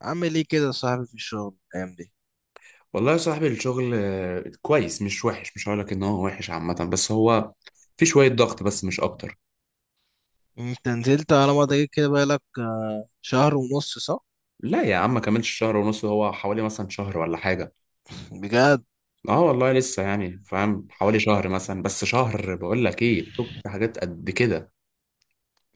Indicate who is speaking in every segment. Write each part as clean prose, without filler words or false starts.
Speaker 1: عامل ايه كده يا صاحبي في الشغل الايام دي؟
Speaker 2: والله يا صاحبي الشغل كويس، مش وحش. مش هقولك ان هو وحش عامة، بس هو في شوية ضغط بس مش اكتر.
Speaker 1: انت نزلت على ما تجيب كده بقالك شهر ونص صح؟
Speaker 2: لا يا عم، ما كملش شهر ونص، هو حوالي مثلا شهر ولا حاجة.
Speaker 1: بجد؟
Speaker 2: اه والله لسه، يعني فاهم، حوالي شهر مثلا. بس شهر، بقول لك ايه، شوف في حاجات قد كده.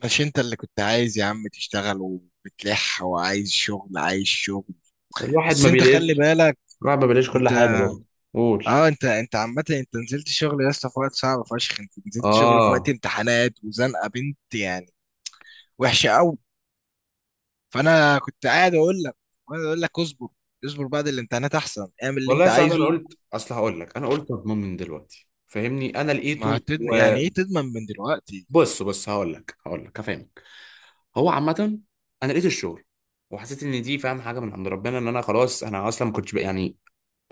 Speaker 1: مش انت اللي كنت عايز يا عم تشتغل وبتلح وعايز شغل عايز شغل؟
Speaker 2: الواحد
Speaker 1: بس
Speaker 2: ما
Speaker 1: انت خلي
Speaker 2: بيلاقيش.
Speaker 1: بالك.
Speaker 2: الواحد ما بيلاقيش كل
Speaker 1: انت،
Speaker 2: حاجة برضه. قول.
Speaker 1: انت عامة انت نزلت شغل يا اسطى في وقت صعب فشخ، انت نزلت شغل في وقت
Speaker 2: اه
Speaker 1: امتحانات وزنقة بنت يعني وحشة قوي. فانا كنت قاعد اقول لك اصبر، اصبر بعد الامتحانات، احسن اعمل اللي
Speaker 2: والله يا
Speaker 1: انت
Speaker 2: صاحبي، انا
Speaker 1: عايزه.
Speaker 2: قلت اصل هقول لك، انا قلت مضمون من دلوقتي، فاهمني، انا
Speaker 1: ما
Speaker 2: لقيته.
Speaker 1: هتد... يعني
Speaker 2: وبص،
Speaker 1: ايه تضمن من دلوقتي؟
Speaker 2: بص هقول لك هفهمك. هو عامة، أنا لقيت الشغل، وحسيت إن دي، فاهم، حاجة من عند ربنا. إن أنا خلاص، أنا أصلا ما كنتش يعني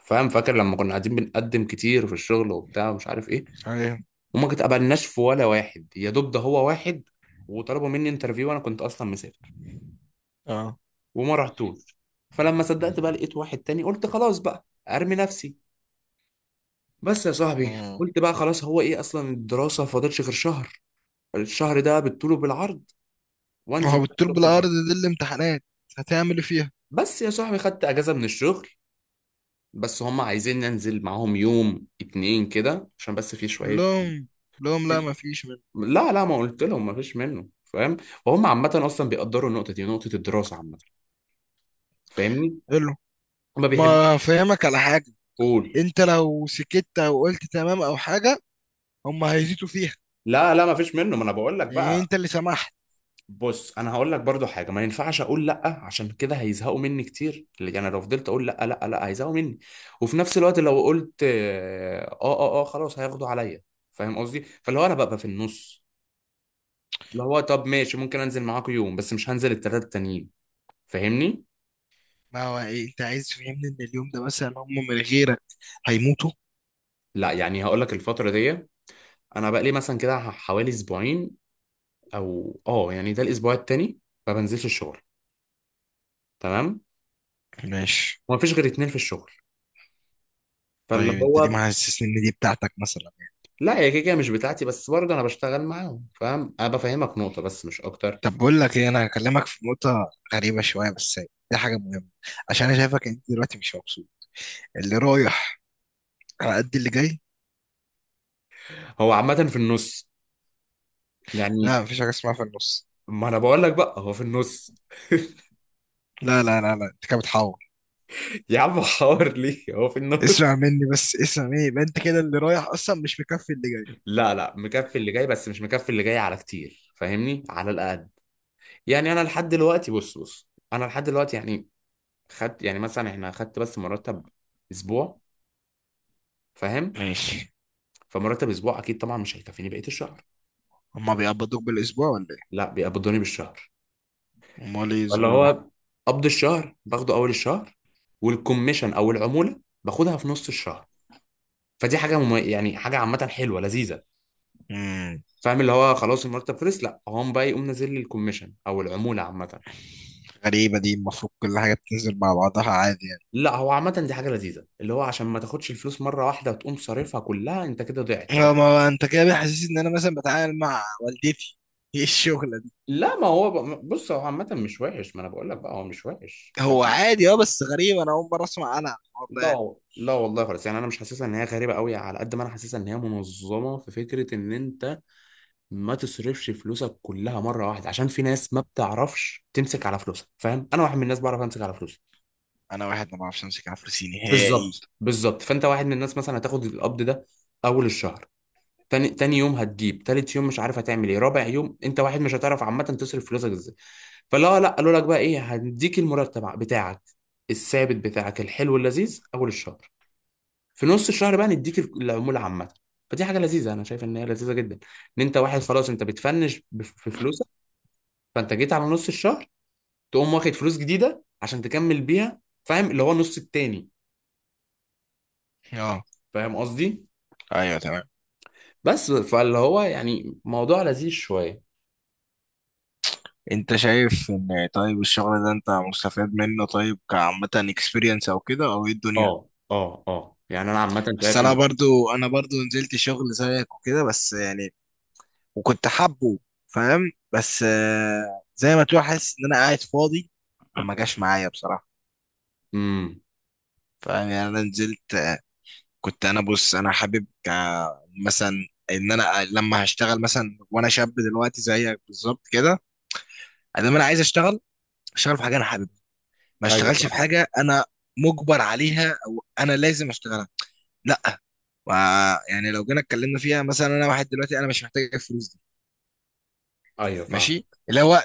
Speaker 2: فاهم، فاكر لما كنا قاعدين بنقدم كتير في الشغل وبتاع ومش عارف إيه،
Speaker 1: ايوه.
Speaker 2: وما اتقبلناش في ولا واحد. يا دوب ده هو واحد، وطلبوا مني انترفيو، وأنا كنت أصلا مسافر
Speaker 1: اه.
Speaker 2: وما رحتوش. فلما صدقت بقى، لقيت واحد تاني، قلت خلاص بقى أرمي نفسي. بس يا صاحبي
Speaker 1: مم.
Speaker 2: قلت بقى خلاص، هو إيه أصلا، الدراسة فاضلش غير شهر. الشهر ده بالطول وبالعرض، وأنزل
Speaker 1: راحوا
Speaker 2: بقى
Speaker 1: بالطول
Speaker 2: الشغل
Speaker 1: بالعرض
Speaker 2: براحتي.
Speaker 1: دي الامتحانات، هتعمل ايه فيها؟
Speaker 2: بس يا صاحبي خدت أجازة من الشغل، بس هم عايزين ننزل معاهم يوم اتنين كده عشان بس في
Speaker 1: قال
Speaker 2: شوية.
Speaker 1: لهم قال لهم لا ما فيش منه.
Speaker 2: لا لا، ما قلت لهم ما فيش منه، فاهم. وهم عامة أصلا بيقدروا النقطة دي، نقطة الدراسة عامة. فاهمني.
Speaker 1: قال له
Speaker 2: ما بيحبوش.
Speaker 1: ما فهمك على حاجة.
Speaker 2: قول.
Speaker 1: انت لو سكت او قلت تمام او حاجة، هم هيزيدوا فيها،
Speaker 2: لا لا، ما فيش منه، ما أنا بقول لك
Speaker 1: لان
Speaker 2: بقى.
Speaker 1: انت اللي سمحت.
Speaker 2: بص، أنا هقول لك برضو حاجة، ما ينفعش أقول لأ، عشان كده هيزهقوا مني كتير. اللي أنا لو فضلت أقول لأ لأ لأ هيزهقوا مني. وفي نفس الوقت لو قلت آه آه آه خلاص، هياخدوا عليا. فاهم قصدي؟ فاللي هو أنا ببقى في النص. اللي هو طب ماشي، ممكن انزل معاكم يوم، بس مش هنزل التلاتة التانيين. فاهمني.
Speaker 1: ما هو ايه، انت عايز تفهمني ان اليوم ده مثلا هم من غيرك هيموتوا؟
Speaker 2: لا، يعني هقول لك، الفترة دي انا بقى لي مثلا كده حوالي اسبوعين، او اه يعني ده الاسبوع التاني، ما بنزلش الشغل. تمام.
Speaker 1: ماشي.
Speaker 2: وما فيش غير اتنين في الشغل. فاللي
Speaker 1: طيب انت ليه
Speaker 2: هو،
Speaker 1: ما حسسني ان دي بتاعتك مثلا؟
Speaker 2: لا هي كده كده مش بتاعتي، بس برضه انا بشتغل معاهم فاهم. انا بفهمك نقطة بس مش اكتر.
Speaker 1: طب بقول لك ايه، انا هكلمك في نقطة غريبة شوية بس دي حاجة مهمة، عشان انا شايفك انت دلوقتي مش مبسوط. اللي رايح على قد اللي جاي.
Speaker 2: هو عامة في النص، يعني.
Speaker 1: لا مفيش حاجة اسمها في النص.
Speaker 2: ما انا بقول لك بقى هو في النص.
Speaker 1: لا، انت كده بتحور.
Speaker 2: يا عم، حوار ليه، هو في النص.
Speaker 1: اسمع مني بس، اسمع مني. يبقى انت كده اللي رايح اصلا مش مكفي اللي جاي.
Speaker 2: لا لا، مكفي اللي جاي، بس مش مكفي اللي جاي على كتير، فاهمني، على الاقل. يعني انا لحد دلوقتي، بص بص، انا لحد دلوقتي يعني خدت، يعني مثلا احنا خدت بس مرتب اسبوع، فاهم.
Speaker 1: ماشي.
Speaker 2: فمرتب اسبوع اكيد طبعا مش هيكفيني بقية الشهر.
Speaker 1: هما بيقبضوك بالاسبوع ولا
Speaker 2: لا، بيقبضوني بالشهر.
Speaker 1: ايه؟ امال ايه
Speaker 2: ولا
Speaker 1: الاسبوع ده؟
Speaker 2: هو، قبض الشهر باخده اول الشهر، والكوميشن او العمولة باخدها في نص الشهر. فدي حاجة يعني حاجة عامة، حلوة لذيذة.
Speaker 1: امم.
Speaker 2: فاهم، اللي هو خلاص المرتب خلص، لا هو قام بقى يقوم نازل لي الكوميشن او العمولة عامة.
Speaker 1: غريبة دي، المفروض كل حاجة بتنزل مع بعضها عادي يعني.
Speaker 2: لا، هو عامة دي حاجة لذيذة، اللي هو عشان ما تاخدش الفلوس مرة واحدة وتقوم صارفها كلها، انت كده ضيعت.
Speaker 1: اه ما هو انت كده بيحسسني ان انا مثلا بتعامل مع والدتي. ايه الشغلة دي؟
Speaker 2: لا ما هو بص، هو عامة مش وحش، ما انا بقول لك بقى هو مش وحش
Speaker 1: هو
Speaker 2: فاهم.
Speaker 1: عادي اه بس غريب، انا اول مرة اسمع انا عن الحوار ده يعني.
Speaker 2: لا لا والله خالص، يعني انا مش حاسسها ان هي غريبة قوي، على قد ما انا حاسسها ان هي منظمة. في فكرة ان انت ما تصرفش فلوسك كلها مرة واحدة، عشان في ناس ما بتعرفش تمسك على فلوسها، فاهم. انا واحد من الناس بعرف امسك على فلوسي.
Speaker 1: انا واحد ما بعرفش امسك عفرسي نهائي.
Speaker 2: بالظبط بالظبط. فانت واحد من الناس مثلا، هتاخد القبض ده اول الشهر، تاني تاني يوم هتجيب، تالت يوم مش عارف هتعمل ايه، رابع يوم انت واحد مش هتعرف عامه تصرف فلوسك ازاي. فلا لا، قالوا لك بقى ايه، هنديك المرتب بتاعك الثابت بتاعك الحلو اللذيذ اول الشهر، في نص الشهر بقى نديك العموله عامه. فدي حاجه لذيذه، انا شايف ان هي لذيذه جدا. ان انت واحد خلاص، انت بتفنش في فلوسك، فانت جيت على نص الشهر، تقوم واخد فلوس جديده عشان تكمل بيها، فاهم اللي هو النص التاني.
Speaker 1: اه.
Speaker 2: فاهم قصدي.
Speaker 1: ايوه تمام.
Speaker 2: بس فاللي هو يعني موضوع لذيذ شويه.
Speaker 1: انت شايف ان، طيب الشغل ده انت مستفاد منه؟ طيب كعامة اكسبيرينس او كده، او ايه الدنيا؟
Speaker 2: اه اه اه يعني انا عامه
Speaker 1: بس
Speaker 2: شايف
Speaker 1: انا
Speaker 2: ان،
Speaker 1: برضو، انا برضو نزلت شغل زيك وكده بس يعني، وكنت حابه، فاهم؟ بس زي ما تقول حاسس ان انا قاعد فاضي، فما جاش معايا بصراحة.
Speaker 2: امم.
Speaker 1: فاهم؟ يعني انا نزلت كنت انا، بص انا حابب مثلا ان انا لما هشتغل مثلا وانا شاب دلوقتي زيك بالظبط كده، ادام انا عايز اشتغل، اشتغل في حاجة انا حاببها. ما
Speaker 2: ايوه
Speaker 1: اشتغلش في
Speaker 2: فاهم.
Speaker 1: حاجه انا مجبر عليها او انا لازم اشتغلها. لا. و- يعني لو جينا اتكلمنا فيها، مثلا انا واحد دلوقتي انا مش محتاج الفلوس دي.
Speaker 2: ايوه فاهم.
Speaker 1: ماشي. اللي هو،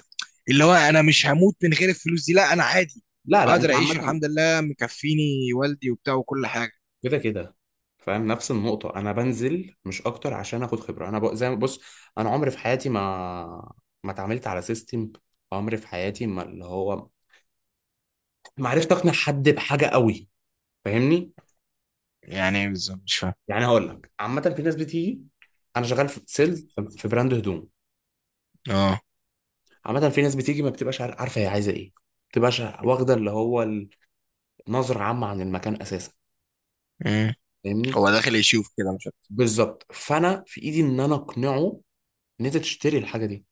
Speaker 1: اللي هو انا مش هموت من غير الفلوس دي. لا انا عادي،
Speaker 2: لا لا
Speaker 1: اقدر
Speaker 2: انت
Speaker 1: اعيش
Speaker 2: عامه
Speaker 1: والحمد لله، مكفيني والدي وبتاع وكل حاجه.
Speaker 2: كده كده فاهم. نفس النقطه، انا بنزل مش اكتر عشان اخد خبره. انا زي ما بص، انا عمري في حياتي ما، اتعاملت على سيستم. عمري في حياتي ما، اللي هو ما عرفت اقنع حد بحاجه قوي. فاهمني.
Speaker 1: يعني ايه بالظبط مش فاهم.
Speaker 2: يعني هقول لك، عامه في ناس بتيجي. انا شغال في سيلز، في براند هدوم.
Speaker 1: اه.
Speaker 2: عامه في ناس بتيجي ما بتبقاش عارفه هي عايزه ايه، ما بتبقاش واخده اللي هو نظرة عامة عن المكان أساسا.
Speaker 1: مم.
Speaker 2: فاهمني.
Speaker 1: هو داخل يشوف كده مش عارف.
Speaker 2: بالظبط. فانا في ايدي ان انا اقنعه ان انت تشتري الحاجه دي،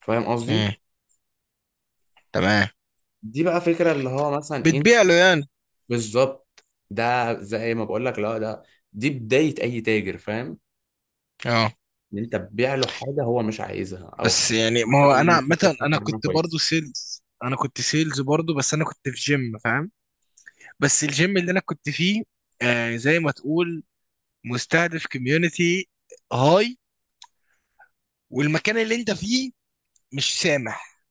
Speaker 2: فاهم
Speaker 1: مم.
Speaker 2: قصدي.
Speaker 1: تمام.
Speaker 2: دي بقى فكره اللي هو مثلا ايه.
Speaker 1: بتبيع له يعني.
Speaker 2: بالظبط. ده زي ما بقول لك، لا ده دي بدايه اي تاجر، فاهم.
Speaker 1: اه
Speaker 2: ان انت تبيع له حاجه هو مش عايزها، او
Speaker 1: بس
Speaker 2: حاجه
Speaker 1: يعني ما
Speaker 2: مثلا
Speaker 1: هو انا
Speaker 2: يعني في حاجة
Speaker 1: مثلا، انا
Speaker 2: فكره عنها
Speaker 1: كنت برضو
Speaker 2: كويسه.
Speaker 1: سيلز، انا كنت سيلز برضو بس انا كنت في جيم فاهم؟ بس الجيم اللي انا كنت فيه، آه زي ما تقول، مستهدف كوميونتي هاي، والمكان اللي انت فيه مش سامح.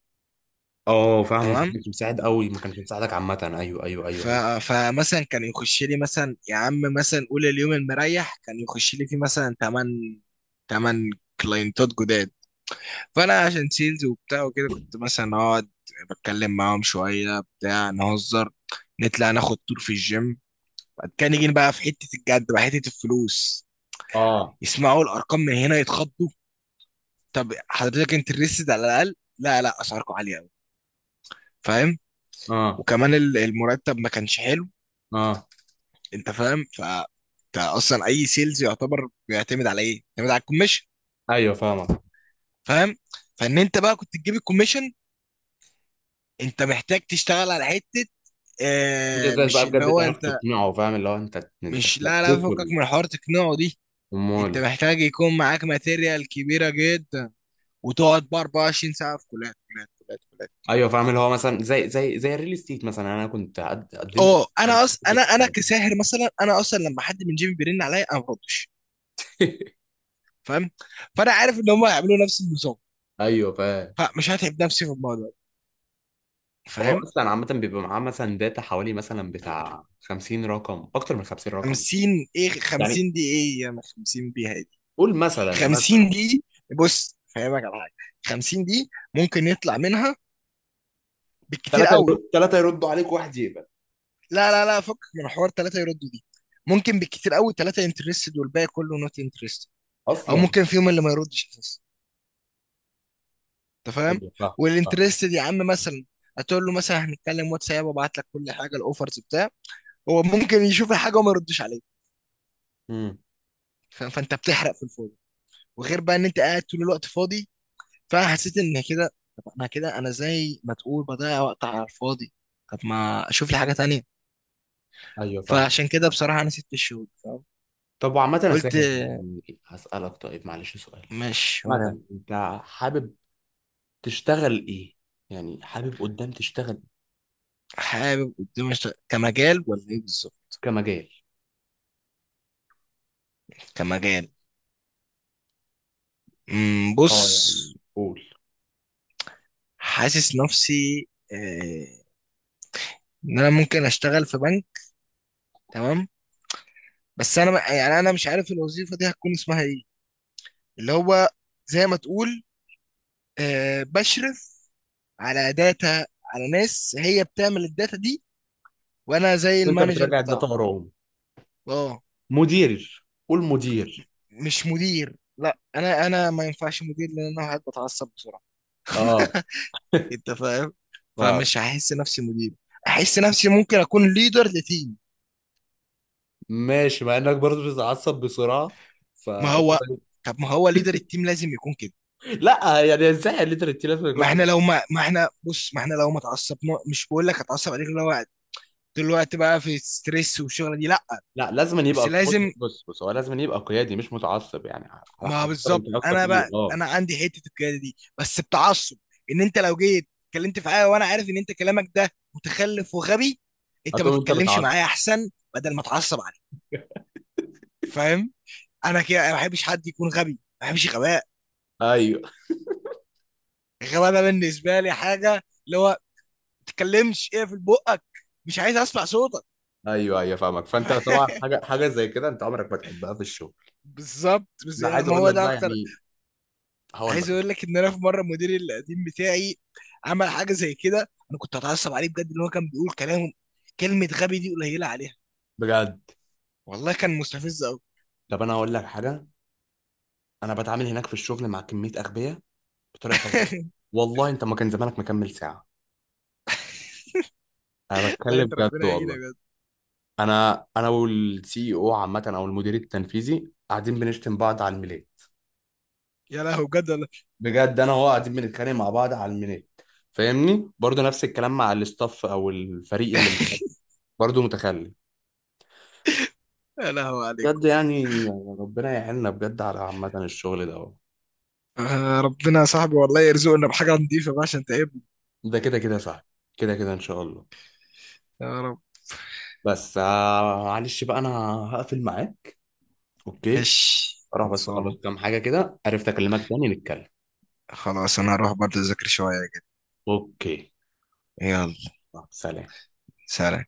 Speaker 2: اه، فاهمك، ما
Speaker 1: تمام.
Speaker 2: كانش مساعد قوي، ما كانش مساعدك عامه، ايوه ايوه ايوه
Speaker 1: ف...
Speaker 2: ايوه.
Speaker 1: فمثلا كان يخش لي مثلا يا عم، مثلا قول اليوم المريح كان يخش لي فيه مثلا 8 كلاينتات جداد. فانا عشان سيلز وبتاع وكده، كنت مثلا اقعد بتكلم معاهم شويه بتاع، نهزر، نطلع ناخد تور في الجيم، بعد كده نيجي بقى في حته الجد بقى، حته الفلوس.
Speaker 2: اه
Speaker 1: يسمعوا الارقام من هنا يتخضوا. طب حضرتك انت ريسد على الاقل؟ لا لا اسعاركم عاليه قوي. فاهم؟
Speaker 2: اه
Speaker 1: وكمان المرتب ما كانش حلو.
Speaker 2: اه
Speaker 1: انت فاهم؟ ف انت اصلا اي سيلز يعتبر بيعتمد على ايه؟ بيعتمد على الكوميشن.
Speaker 2: ايوه فاهمك.
Speaker 1: فاهم؟ فان انت بقى كنت تجيب الكوميشن، انت محتاج تشتغل على حته
Speaker 2: انت
Speaker 1: آه،
Speaker 2: ازاي بقى
Speaker 1: مش اللي
Speaker 2: بجد
Speaker 1: هو
Speaker 2: تعرف
Speaker 1: انت،
Speaker 2: تقنعه، فاهم اللي هو انت
Speaker 1: مش لا لا فكك
Speaker 2: تلبسه.
Speaker 1: من حوار تقنعه دي.
Speaker 2: امال.
Speaker 1: انت محتاج يكون معاك ماتيريال كبيره جدا، وتقعد بقى 24 ساعه في كليات كليات كليات.
Speaker 2: ايوه فاهم، اللي هو مثلا زي الريل استيت مثلا، انا كنت قدمت
Speaker 1: اه
Speaker 2: على-
Speaker 1: انا انا كساهر مثلا، انا اصلا لما حد من جيبي بيرن عليا انا ما بردش. فاهم؟ فانا عارف ان هم هيعملوا نفس النظام،
Speaker 2: ايوه فاهم.
Speaker 1: فمش هتعب نفسي في الموضوع ده.
Speaker 2: هو
Speaker 1: فاهم؟
Speaker 2: اصلا عامه بيبقى معاه مثلا داتا، حوالي مثلا بتاع 50 رقم، اكتر من 50 رقم.
Speaker 1: 50، ايه
Speaker 2: يعني
Speaker 1: 50 دي؟ ايه يا ما 50 بيها دي؟
Speaker 2: قول مثلا مثلا،
Speaker 1: 50 دي، بص فاهمك على حاجه. 50 دي ممكن يطلع منها بالكتير
Speaker 2: ثلاثه
Speaker 1: قوي،
Speaker 2: يرد، ثلاثه يردوا عليك، واحد يقبل
Speaker 1: لا لا لا فكك من حوار ثلاثه يردوا دي، ممكن بالكتير قوي ثلاثه انترستد والباقي كله نوت انترستد، او
Speaker 2: اصلا.
Speaker 1: ممكن فيهم اللي ما يردش أساساً. انت فاهم؟
Speaker 2: ايوه فاهم. فاهم.
Speaker 1: والانترستد يا عم مثلا هتقول له مثلا هنتكلم واتساب وابعت لك كل حاجه الاوفرز بتاع، هو ممكن يشوف الحاجه وما يردش عليك.
Speaker 2: امم.
Speaker 1: فانت بتحرق في الفاضي، وغير بقى ان انت قاعد طول الوقت فاضي. فانا حسيت ان كده، طب انا كده انا زي ما تقول بضيع وقت على الفاضي، طب ما اشوف لي حاجه تانية.
Speaker 2: ايوه فاهم.
Speaker 1: فعشان كده بصراحه انا سبت الشغل. فاهم؟
Speaker 2: طب وعامه يا
Speaker 1: قلت
Speaker 2: ساهر، يعني هسالك طيب معلش سؤال.
Speaker 1: مش ولا
Speaker 2: مثلا
Speaker 1: يهمك.
Speaker 2: انت حابب تشتغل ايه؟ يعني حابب قدام تشتغل؟
Speaker 1: حابب قدام كمجال ولا ايه بالظبط؟
Speaker 2: كمجال.
Speaker 1: كمجال. بص.
Speaker 2: اه يعني قول.
Speaker 1: حاسس نفسي ان انا ممكن اشتغل في بنك. تمام. بس انا يعني انا مش عارف الوظيفه دي هتكون اسمها ايه. اللي هو زي ما تقول، بشرف على داتا، على ناس هي بتعمل الداتا دي، وانا زي
Speaker 2: وانت
Speaker 1: المانجر
Speaker 2: بتراجع الداتا
Speaker 1: بتاعه.
Speaker 2: وراهم.
Speaker 1: اه.
Speaker 2: مدير، قول مدير.
Speaker 1: مش مدير، لا انا ما ينفعش مدير، لان انا واحد بتعصب بسرعه.
Speaker 2: اه.
Speaker 1: انت فاهم؟
Speaker 2: اه
Speaker 1: فمش هحس نفسي مدير، احس نفسي ممكن اكون ليدر لتيم.
Speaker 2: ماشي، مع انك برضه بتتعصب بسرعه،
Speaker 1: ما
Speaker 2: فانت
Speaker 1: هو، طب ما هو ليدر التيم لازم يكون كده.
Speaker 2: لا يعني ازاي الليترتي لازم
Speaker 1: ما
Speaker 2: يكون
Speaker 1: احنا لو
Speaker 2: بتعصب.
Speaker 1: ما احنا، بص ما احنا لو ما اتعصبنا، مش بقول لك اتعصب عليك، اللي هو طول الوقت بقى في ستريس والشغله دي لا.
Speaker 2: لا لازم أن
Speaker 1: بس
Speaker 2: يبقى، بص
Speaker 1: لازم.
Speaker 2: بص بص، هو لازم أن يبقى قيادي، مش متعصب، يعني على
Speaker 1: ما
Speaker 2: حسب انت
Speaker 1: بالظبط
Speaker 2: قصدك
Speaker 1: انا
Speaker 2: ايه.
Speaker 1: بقى
Speaker 2: اه،
Speaker 1: انا عندي حته القياده دي بس بتعصب. ان انت لو جيت اتكلمت في حاجه وانا عارف ان انت كلامك ده متخلف وغبي، انت ما
Speaker 2: هتقوم انت
Speaker 1: تتكلمش
Speaker 2: متعصب.
Speaker 1: معايا احسن، بدل ما اتعصب عليك. فاهم؟ انا كده، أنا ما بحبش حد يكون غبي، ما بحبش غباء.
Speaker 2: ايوه
Speaker 1: الغباء ده بالنسبه لي حاجه اللي هو ما تتكلمش ايه في بقك، مش عايز اسمع صوتك.
Speaker 2: ايوه ايوه فاهمك، فانت طبعا حاجه زي كده انت عمرك ما تحبها في الشغل.
Speaker 1: بالظبط. بس
Speaker 2: لا
Speaker 1: يعني
Speaker 2: عايز
Speaker 1: ما
Speaker 2: اقول
Speaker 1: هو
Speaker 2: لك
Speaker 1: ده
Speaker 2: بقى،
Speaker 1: اكتر.
Speaker 2: يعني هقول
Speaker 1: عايز
Speaker 2: لك
Speaker 1: اقول لك ان انا في مره مديري القديم بتاعي عمل حاجه زي كده، انا كنت اتعصب عليه بجد، ان هو كان بيقول كلام، كلمه غبي دي قليله عليها.
Speaker 2: بجد.
Speaker 1: والله كان مستفز قوي.
Speaker 2: طب انا هقول لك حاجه، انا بتعامل هناك في الشغل مع كميه اغبياء بطريقه فظيعه، والله. انت ما كان زمانك مكمل ساعه. انا
Speaker 1: لا
Speaker 2: بتكلم
Speaker 1: انت
Speaker 2: بجد
Speaker 1: ربنا يعينك
Speaker 2: والله.
Speaker 1: بجد.
Speaker 2: انا والسي او عامه او المدير التنفيذي قاعدين بنشتم بعض على الميلاد.
Speaker 1: يا لهو بجد والله.
Speaker 2: بجد، انا وهو قاعدين بنتخانق مع بعض على الميلاد. فاهمني، برضه نفس الكلام مع الاستاف او الفريق اللي معاك، برضه متخلف.
Speaker 1: يا لهو
Speaker 2: بجد
Speaker 1: عليكم.
Speaker 2: يعني، ربنا يعيننا بجد على عامه الشغل ده.
Speaker 1: ربنا يا صاحبي والله يرزقنا بحاجه نضيفه بقى عشان تعبنا.
Speaker 2: ده كده كده صح، كده كده ان شاء الله.
Speaker 1: يا رب.
Speaker 2: بس معلش بقى انا هقفل معاه. اوكي.
Speaker 1: ماشي
Speaker 2: اروح بس اخلص
Speaker 1: خلصان.
Speaker 2: كام حاجه كده، عرفت اكلمك تاني نتكلم.
Speaker 1: خلاص انا هروح برضه اذاكر شويه كده.
Speaker 2: اوكي.
Speaker 1: يلا.
Speaker 2: سلام.
Speaker 1: سلام.